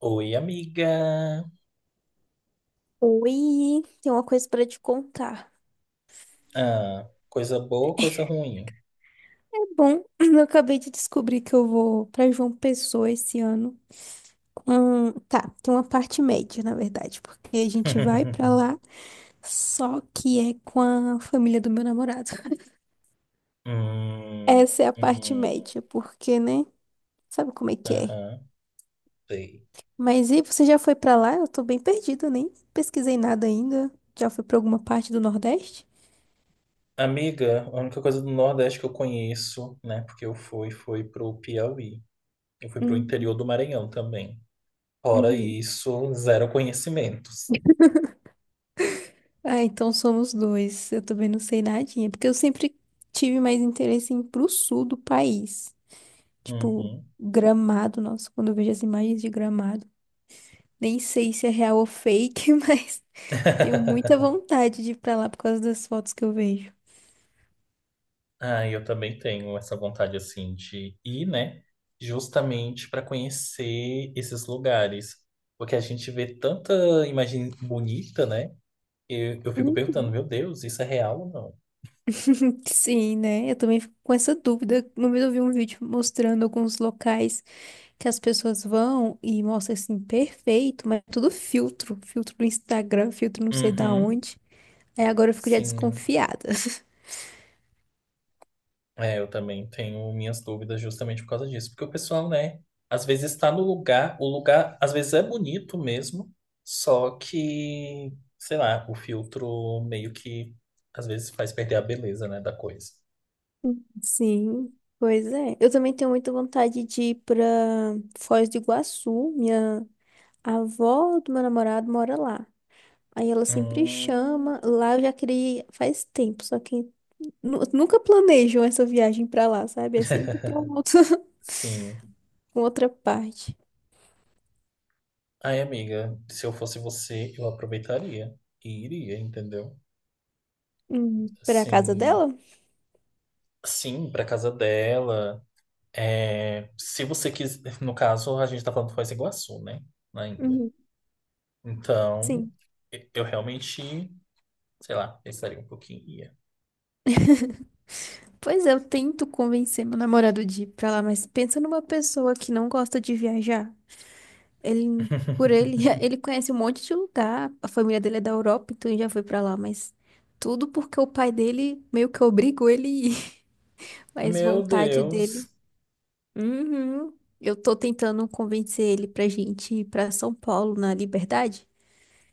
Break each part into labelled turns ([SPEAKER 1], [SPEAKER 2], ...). [SPEAKER 1] Oi, amiga.
[SPEAKER 2] Oi, tem uma coisa pra te contar.
[SPEAKER 1] Ah, coisa boa, ou coisa ruim?
[SPEAKER 2] É bom, eu acabei de descobrir que eu vou pra João Pessoa esse ano. Tá, tem uma parte média, na verdade, porque a gente vai pra lá, só que é com a família do meu namorado.
[SPEAKER 1] Hum,
[SPEAKER 2] Essa é a parte
[SPEAKER 1] hum,
[SPEAKER 2] média, porque, né? Sabe como é que é?
[SPEAKER 1] aham, sei.
[SPEAKER 2] Mas e você já foi pra lá? Eu tô bem perdida, nem pesquisei nada ainda. Já foi pra alguma parte do Nordeste?
[SPEAKER 1] Amiga, a única coisa do Nordeste que eu conheço, né? Porque eu fui, foi pro Piauí. Eu fui pro interior
[SPEAKER 2] Hum,
[SPEAKER 1] do Maranhão também. Fora
[SPEAKER 2] uhum.
[SPEAKER 1] isso, zero conhecimentos.
[SPEAKER 2] Ah, então somos dois. Eu também não sei nadinha, porque eu sempre tive mais interesse em ir pro sul do país. Tipo,
[SPEAKER 1] Uhum.
[SPEAKER 2] Gramado, nossa, quando eu vejo as imagens de Gramado, nem sei se é real ou fake, mas tenho muita vontade de ir pra lá por causa das fotos que eu vejo.
[SPEAKER 1] Ah, eu também tenho essa vontade assim de ir, né? Justamente para conhecer esses lugares. Porque a gente vê tanta imagem bonita, né? Eu fico perguntando,
[SPEAKER 2] Uhum.
[SPEAKER 1] meu Deus, isso é real ou não?
[SPEAKER 2] Sim, né? Eu também fico com essa dúvida. Uma vez eu vi um vídeo mostrando alguns locais que as pessoas vão e mostra assim, perfeito, mas é tudo filtro, filtro do Instagram, filtro não sei da
[SPEAKER 1] Uhum,
[SPEAKER 2] onde. É, agora eu fico já
[SPEAKER 1] sim.
[SPEAKER 2] desconfiada.
[SPEAKER 1] É, eu também tenho minhas dúvidas justamente por causa disso. Porque o pessoal, né, às vezes está no lugar, o lugar às vezes é bonito mesmo, só que, sei lá, o filtro meio que às vezes faz perder a beleza, né, da coisa.
[SPEAKER 2] Sim, pois é. Eu também tenho muita vontade de ir pra Foz do Iguaçu. Minha avó do meu namorado mora lá. Aí ela sempre
[SPEAKER 1] Hum,
[SPEAKER 2] chama. Lá eu já queria ir faz tempo, só que nunca planejam essa viagem pra lá, sabe? É sempre pra
[SPEAKER 1] sim.
[SPEAKER 2] uma outra parte.
[SPEAKER 1] Ai, amiga, se eu fosse você, eu aproveitaria e iria, entendeu?
[SPEAKER 2] Pra casa
[SPEAKER 1] Assim,
[SPEAKER 2] dela?
[SPEAKER 1] sim, pra casa dela. É, se você quiser, no caso, a gente tá falando de Foz do Iguaçu, né? Ainda.
[SPEAKER 2] Uhum,
[SPEAKER 1] Então,
[SPEAKER 2] sim.
[SPEAKER 1] eu realmente, sei lá, pensaria um pouquinho e ia.
[SPEAKER 2] Pois é, eu tento convencer meu namorado de ir pra lá, mas pensa numa pessoa que não gosta de viajar. Ele, por ele, ele conhece um monte de lugar. A família dele é da Europa, então ele já foi pra lá, mas tudo porque o pai dele meio que obrigou ele a ir, mas
[SPEAKER 1] Meu
[SPEAKER 2] vontade
[SPEAKER 1] Deus.
[SPEAKER 2] dele. Uhum. Eu tô tentando convencer ele pra gente ir pra São Paulo na Liberdade,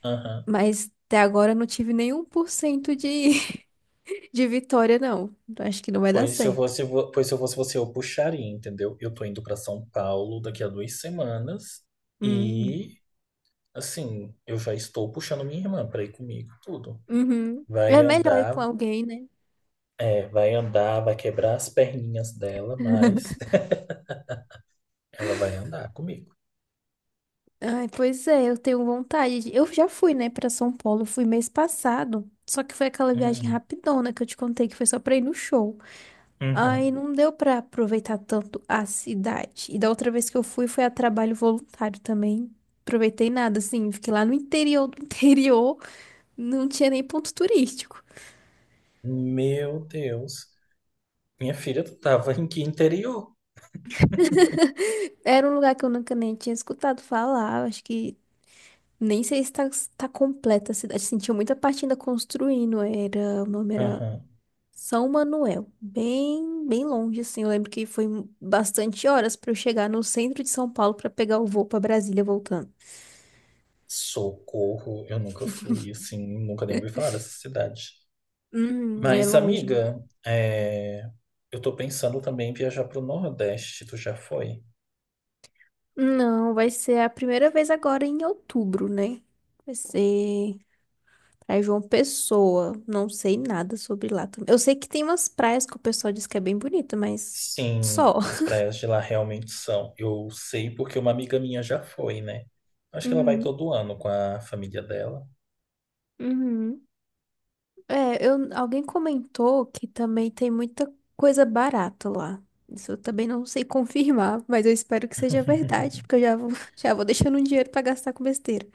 [SPEAKER 1] Aham.
[SPEAKER 2] mas até agora eu não tive nenhum por cento de, de vitória, não. Então acho que não vai dar certo.
[SPEAKER 1] Pois se eu fosse você, eu puxaria, entendeu? Eu tô indo pra São Paulo daqui a 2 semanas.
[SPEAKER 2] Hum.
[SPEAKER 1] E assim, eu já estou puxando minha irmã para ir comigo, tudo.
[SPEAKER 2] Uhum. É
[SPEAKER 1] Vai
[SPEAKER 2] melhor ir
[SPEAKER 1] andar,
[SPEAKER 2] com alguém, né?
[SPEAKER 1] é, vai andar, vai quebrar as perninhas dela, mas ela vai andar comigo.
[SPEAKER 2] Ai, pois é, eu tenho vontade. Eu já fui, né, pra São Paulo, fui mês passado. Só que foi aquela viagem
[SPEAKER 1] Hum,
[SPEAKER 2] rapidona que eu te contei, que foi só pra ir no show. Aí
[SPEAKER 1] uhum.
[SPEAKER 2] não deu pra aproveitar tanto a cidade. E da outra vez que eu fui, foi a trabalho voluntário também. Aproveitei nada, assim, fiquei lá no interior do interior, não tinha nem ponto turístico.
[SPEAKER 1] Meu Deus. Minha filha, tu tava em que interior?
[SPEAKER 2] Era um lugar que eu nunca nem tinha escutado falar, acho que nem sei se tá completa a cidade, assim, tinha muita parte ainda construindo, era, o nome era
[SPEAKER 1] Aham.
[SPEAKER 2] São Manuel, bem, bem longe, assim. Eu lembro que foi bastante horas para eu chegar no centro de São Paulo para pegar o voo para Brasília voltando.
[SPEAKER 1] Socorro, eu nunca fui, assim, nunca nem ouvi falar dessa cidade.
[SPEAKER 2] É
[SPEAKER 1] Mas,
[SPEAKER 2] longe.
[SPEAKER 1] amiga, é, eu tô pensando também em viajar pro Nordeste, tu já foi?
[SPEAKER 2] Não, vai ser a primeira vez agora em outubro, né? Vai ser pra João Pessoa. Não sei nada sobre lá também. Eu sei que tem umas praias que o pessoal diz que é bem bonita, mas
[SPEAKER 1] Sim,
[SPEAKER 2] só.
[SPEAKER 1] as praias de lá realmente são. Eu sei porque uma amiga minha já foi, né? Acho que ela vai
[SPEAKER 2] Uhum,
[SPEAKER 1] todo ano com a família dela.
[SPEAKER 2] uhum. É, alguém comentou que também tem muita coisa barata lá. Isso eu também não sei confirmar, mas eu espero que seja verdade, porque eu já vou, já vou deixando um dinheiro pra gastar com besteira.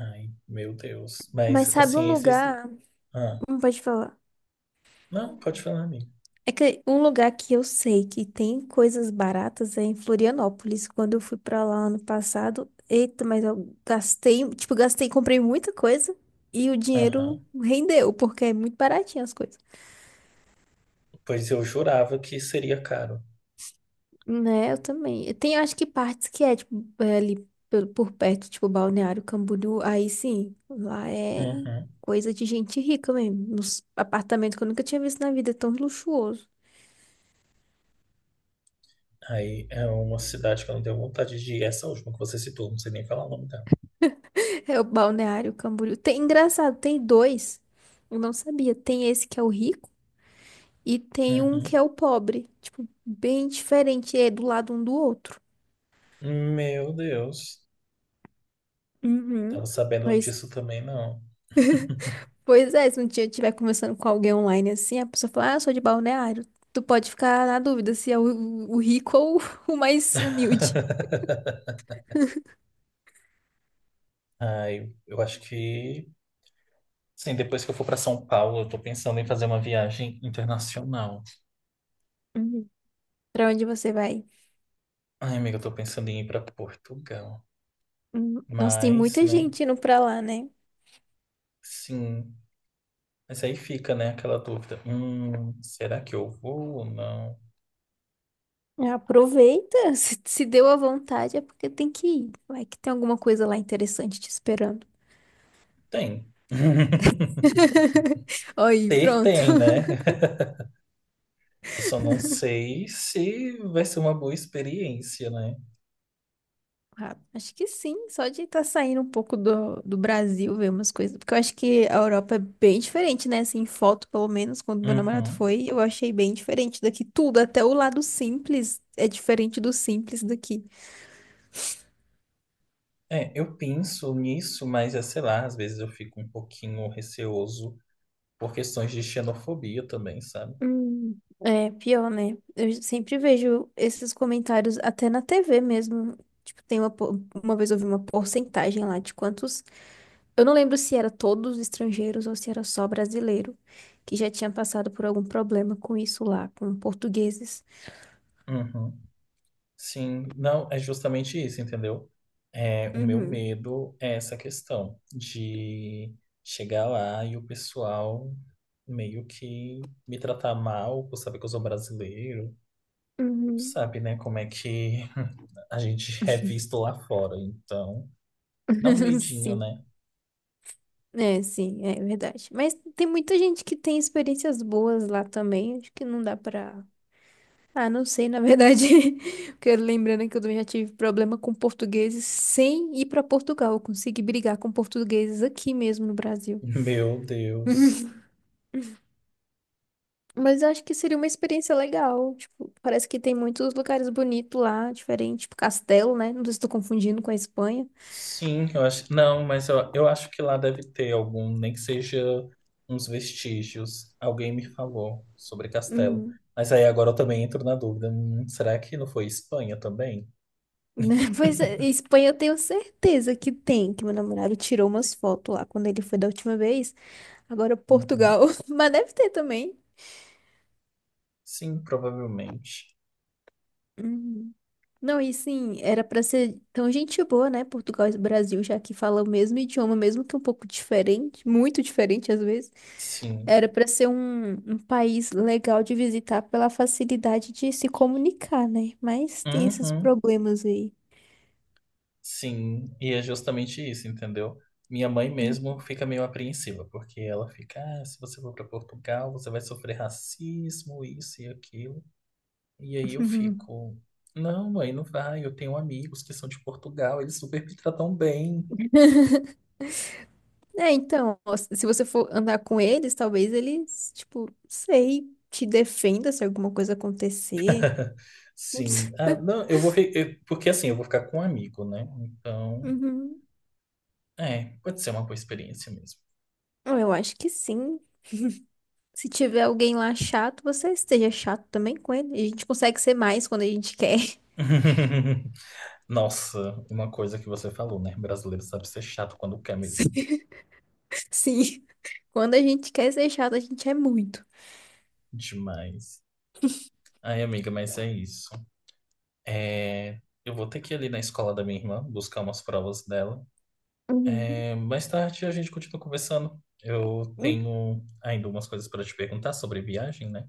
[SPEAKER 1] Ai, meu Deus. Mas,
[SPEAKER 2] Mas sabe um
[SPEAKER 1] assim, esses.
[SPEAKER 2] lugar,
[SPEAKER 1] Ah,
[SPEAKER 2] não pode falar.
[SPEAKER 1] não, pode falar, amigo.
[SPEAKER 2] É que um lugar que eu sei que tem coisas baratas é em Florianópolis. Quando eu fui pra lá ano passado, eita, mas eu gastei, tipo, gastei, comprei muita coisa e o dinheiro
[SPEAKER 1] Aham.
[SPEAKER 2] rendeu, porque é muito baratinho as coisas.
[SPEAKER 1] Pois eu jurava que seria caro.
[SPEAKER 2] Né, eu também. Tem, acho que partes que é, tipo, é ali por perto, tipo, Balneário Camboriú, aí sim, lá é
[SPEAKER 1] Uhum.
[SPEAKER 2] coisa de gente rica mesmo. Nos apartamentos que eu nunca tinha visto na vida, é tão luxuoso.
[SPEAKER 1] Aí é uma cidade que eu não tenho vontade de ir. Essa última que você citou, não sei nem falar o nome dela.
[SPEAKER 2] É o Balneário Camboriú. Tem, engraçado, tem dois. Eu não sabia. Tem esse que é o rico e tem um que é
[SPEAKER 1] Uhum.
[SPEAKER 2] o pobre. Tipo, bem diferente, é do lado um do outro.
[SPEAKER 1] Meu Deus. Tava
[SPEAKER 2] Uhum.
[SPEAKER 1] sabendo disso também, não.
[SPEAKER 2] Pois é, se um dia eu estiver conversando com alguém online assim, a pessoa fala, ah, eu sou de Balneário. Tu pode ficar na dúvida se é o rico ou o mais humilde.
[SPEAKER 1] Ah, eu acho que, sim, depois que eu for para São Paulo, eu tô pensando em fazer uma viagem internacional.
[SPEAKER 2] Uhum. Pra onde você vai?
[SPEAKER 1] Ai, amiga, eu tô pensando em ir para Portugal.
[SPEAKER 2] Nossa, tem
[SPEAKER 1] Mas,
[SPEAKER 2] muita
[SPEAKER 1] né?
[SPEAKER 2] gente indo pra lá, né?
[SPEAKER 1] Sim. Mas aí fica, né, aquela dúvida. Será que eu vou ou não?
[SPEAKER 2] Aproveita, se deu à vontade é porque tem que ir. Vai que tem alguma coisa lá interessante te esperando.
[SPEAKER 1] Tem.
[SPEAKER 2] Aí,
[SPEAKER 1] Ter
[SPEAKER 2] pronto.
[SPEAKER 1] tem, né? Eu só não sei se vai ser uma boa experiência, né?
[SPEAKER 2] Ah, acho que sim, só de estar saindo um pouco do Brasil, ver umas coisas. Porque eu acho que a Europa é bem diferente, né? Assim, em foto, pelo menos, quando meu namorado
[SPEAKER 1] Uhum.
[SPEAKER 2] foi, eu achei bem diferente daqui. Tudo, até o lado simples é diferente do simples daqui.
[SPEAKER 1] É, eu penso nisso, mas, é, sei lá, às vezes eu fico um pouquinho receoso por questões de xenofobia também, sabe?
[SPEAKER 2] É pior, né? Eu sempre vejo esses comentários até na TV mesmo. Tipo, tem uma vez eu vi uma porcentagem lá de quantos. Eu não lembro se era todos estrangeiros ou se era só brasileiro, que já tinha passado por algum problema com isso lá, com portugueses.
[SPEAKER 1] Uhum. Sim, não, é justamente isso, entendeu? É, o meu
[SPEAKER 2] Uhum,
[SPEAKER 1] medo é essa questão de chegar lá e o pessoal meio que me tratar mal por saber que eu sou brasileiro.
[SPEAKER 2] uhum.
[SPEAKER 1] Sabe, né, como é que a gente é visto lá fora. Então, dá um medinho,
[SPEAKER 2] Sim,
[SPEAKER 1] né?
[SPEAKER 2] sim, é verdade. Mas tem muita gente que tem experiências boas lá também, acho que não dá pra. Ah, não sei, na verdade, porque lembrando que eu também já tive problema com portugueses sem ir pra Portugal, eu consegui brigar com portugueses aqui mesmo no Brasil.
[SPEAKER 1] Meu Deus.
[SPEAKER 2] Mas eu acho que seria uma experiência legal. Tipo, parece que tem muitos lugares bonitos lá, diferente, tipo Castelo, né? Não sei se estou confundindo com a Espanha.
[SPEAKER 1] Sim, eu acho. Não, mas eu acho que lá deve ter algum, nem que seja uns vestígios. Alguém me falou sobre castelo.
[SPEAKER 2] Hum.
[SPEAKER 1] Mas aí agora eu também entro na dúvida. Será que não foi Espanha também?
[SPEAKER 2] Pois é, Espanha eu tenho certeza que tem, que meu namorado tirou umas fotos lá quando ele foi da última vez. Agora
[SPEAKER 1] Uhum.
[SPEAKER 2] Portugal, mas deve ter também.
[SPEAKER 1] Sim, provavelmente.
[SPEAKER 2] Hum. Não, e sim, era pra ser tão gente boa, né? Portugal e Brasil, já que fala o mesmo idioma, mesmo que um pouco diferente, muito diferente às vezes.
[SPEAKER 1] Sim.
[SPEAKER 2] Era para ser um país legal de visitar pela facilidade de se comunicar, né? Mas tem esses
[SPEAKER 1] Uhum.
[SPEAKER 2] problemas aí.
[SPEAKER 1] Sim. E é justamente isso, entendeu? Minha mãe mesmo fica meio apreensiva, porque ela fica, ah, se você for para Portugal, você vai sofrer racismo, isso e aquilo. E aí eu fico, não, mãe, não vai. Eu tenho amigos que são de Portugal, eles super me tratam bem.
[SPEAKER 2] É, então, ó, se você for andar com eles, talvez eles, tipo, sei, te defenda se alguma coisa acontecer. Ups.
[SPEAKER 1] Sim. Ah, não, eu vou fi- eu- porque assim, eu vou ficar com um amigo, né? Então,
[SPEAKER 2] Uhum.
[SPEAKER 1] é, pode ser uma boa experiência mesmo.
[SPEAKER 2] Eu acho que sim. Se tiver alguém lá chato, você esteja chato também com ele. A gente consegue ser mais quando a gente quer.
[SPEAKER 1] Nossa, uma coisa que você falou, né? Brasileiro sabe ser chato quando quer mesmo.
[SPEAKER 2] Sim. Quando a gente quer ser chato, a gente é muito.
[SPEAKER 1] Demais. Ai, amiga, mas é isso. É, eu vou ter que ir ali na escola da minha irmã buscar umas provas dela.
[SPEAKER 2] Uhum.
[SPEAKER 1] É, mais tarde a gente continua conversando. Eu
[SPEAKER 2] Hum,
[SPEAKER 1] tenho ainda umas coisas para te perguntar sobre viagem, né?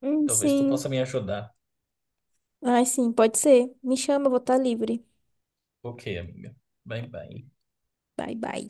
[SPEAKER 1] Talvez tu possa
[SPEAKER 2] sim.
[SPEAKER 1] me ajudar.
[SPEAKER 2] Ai, sim, pode ser. Me chama, eu vou estar livre.
[SPEAKER 1] Ok, amiga. Bye, bye.
[SPEAKER 2] Bye, bye.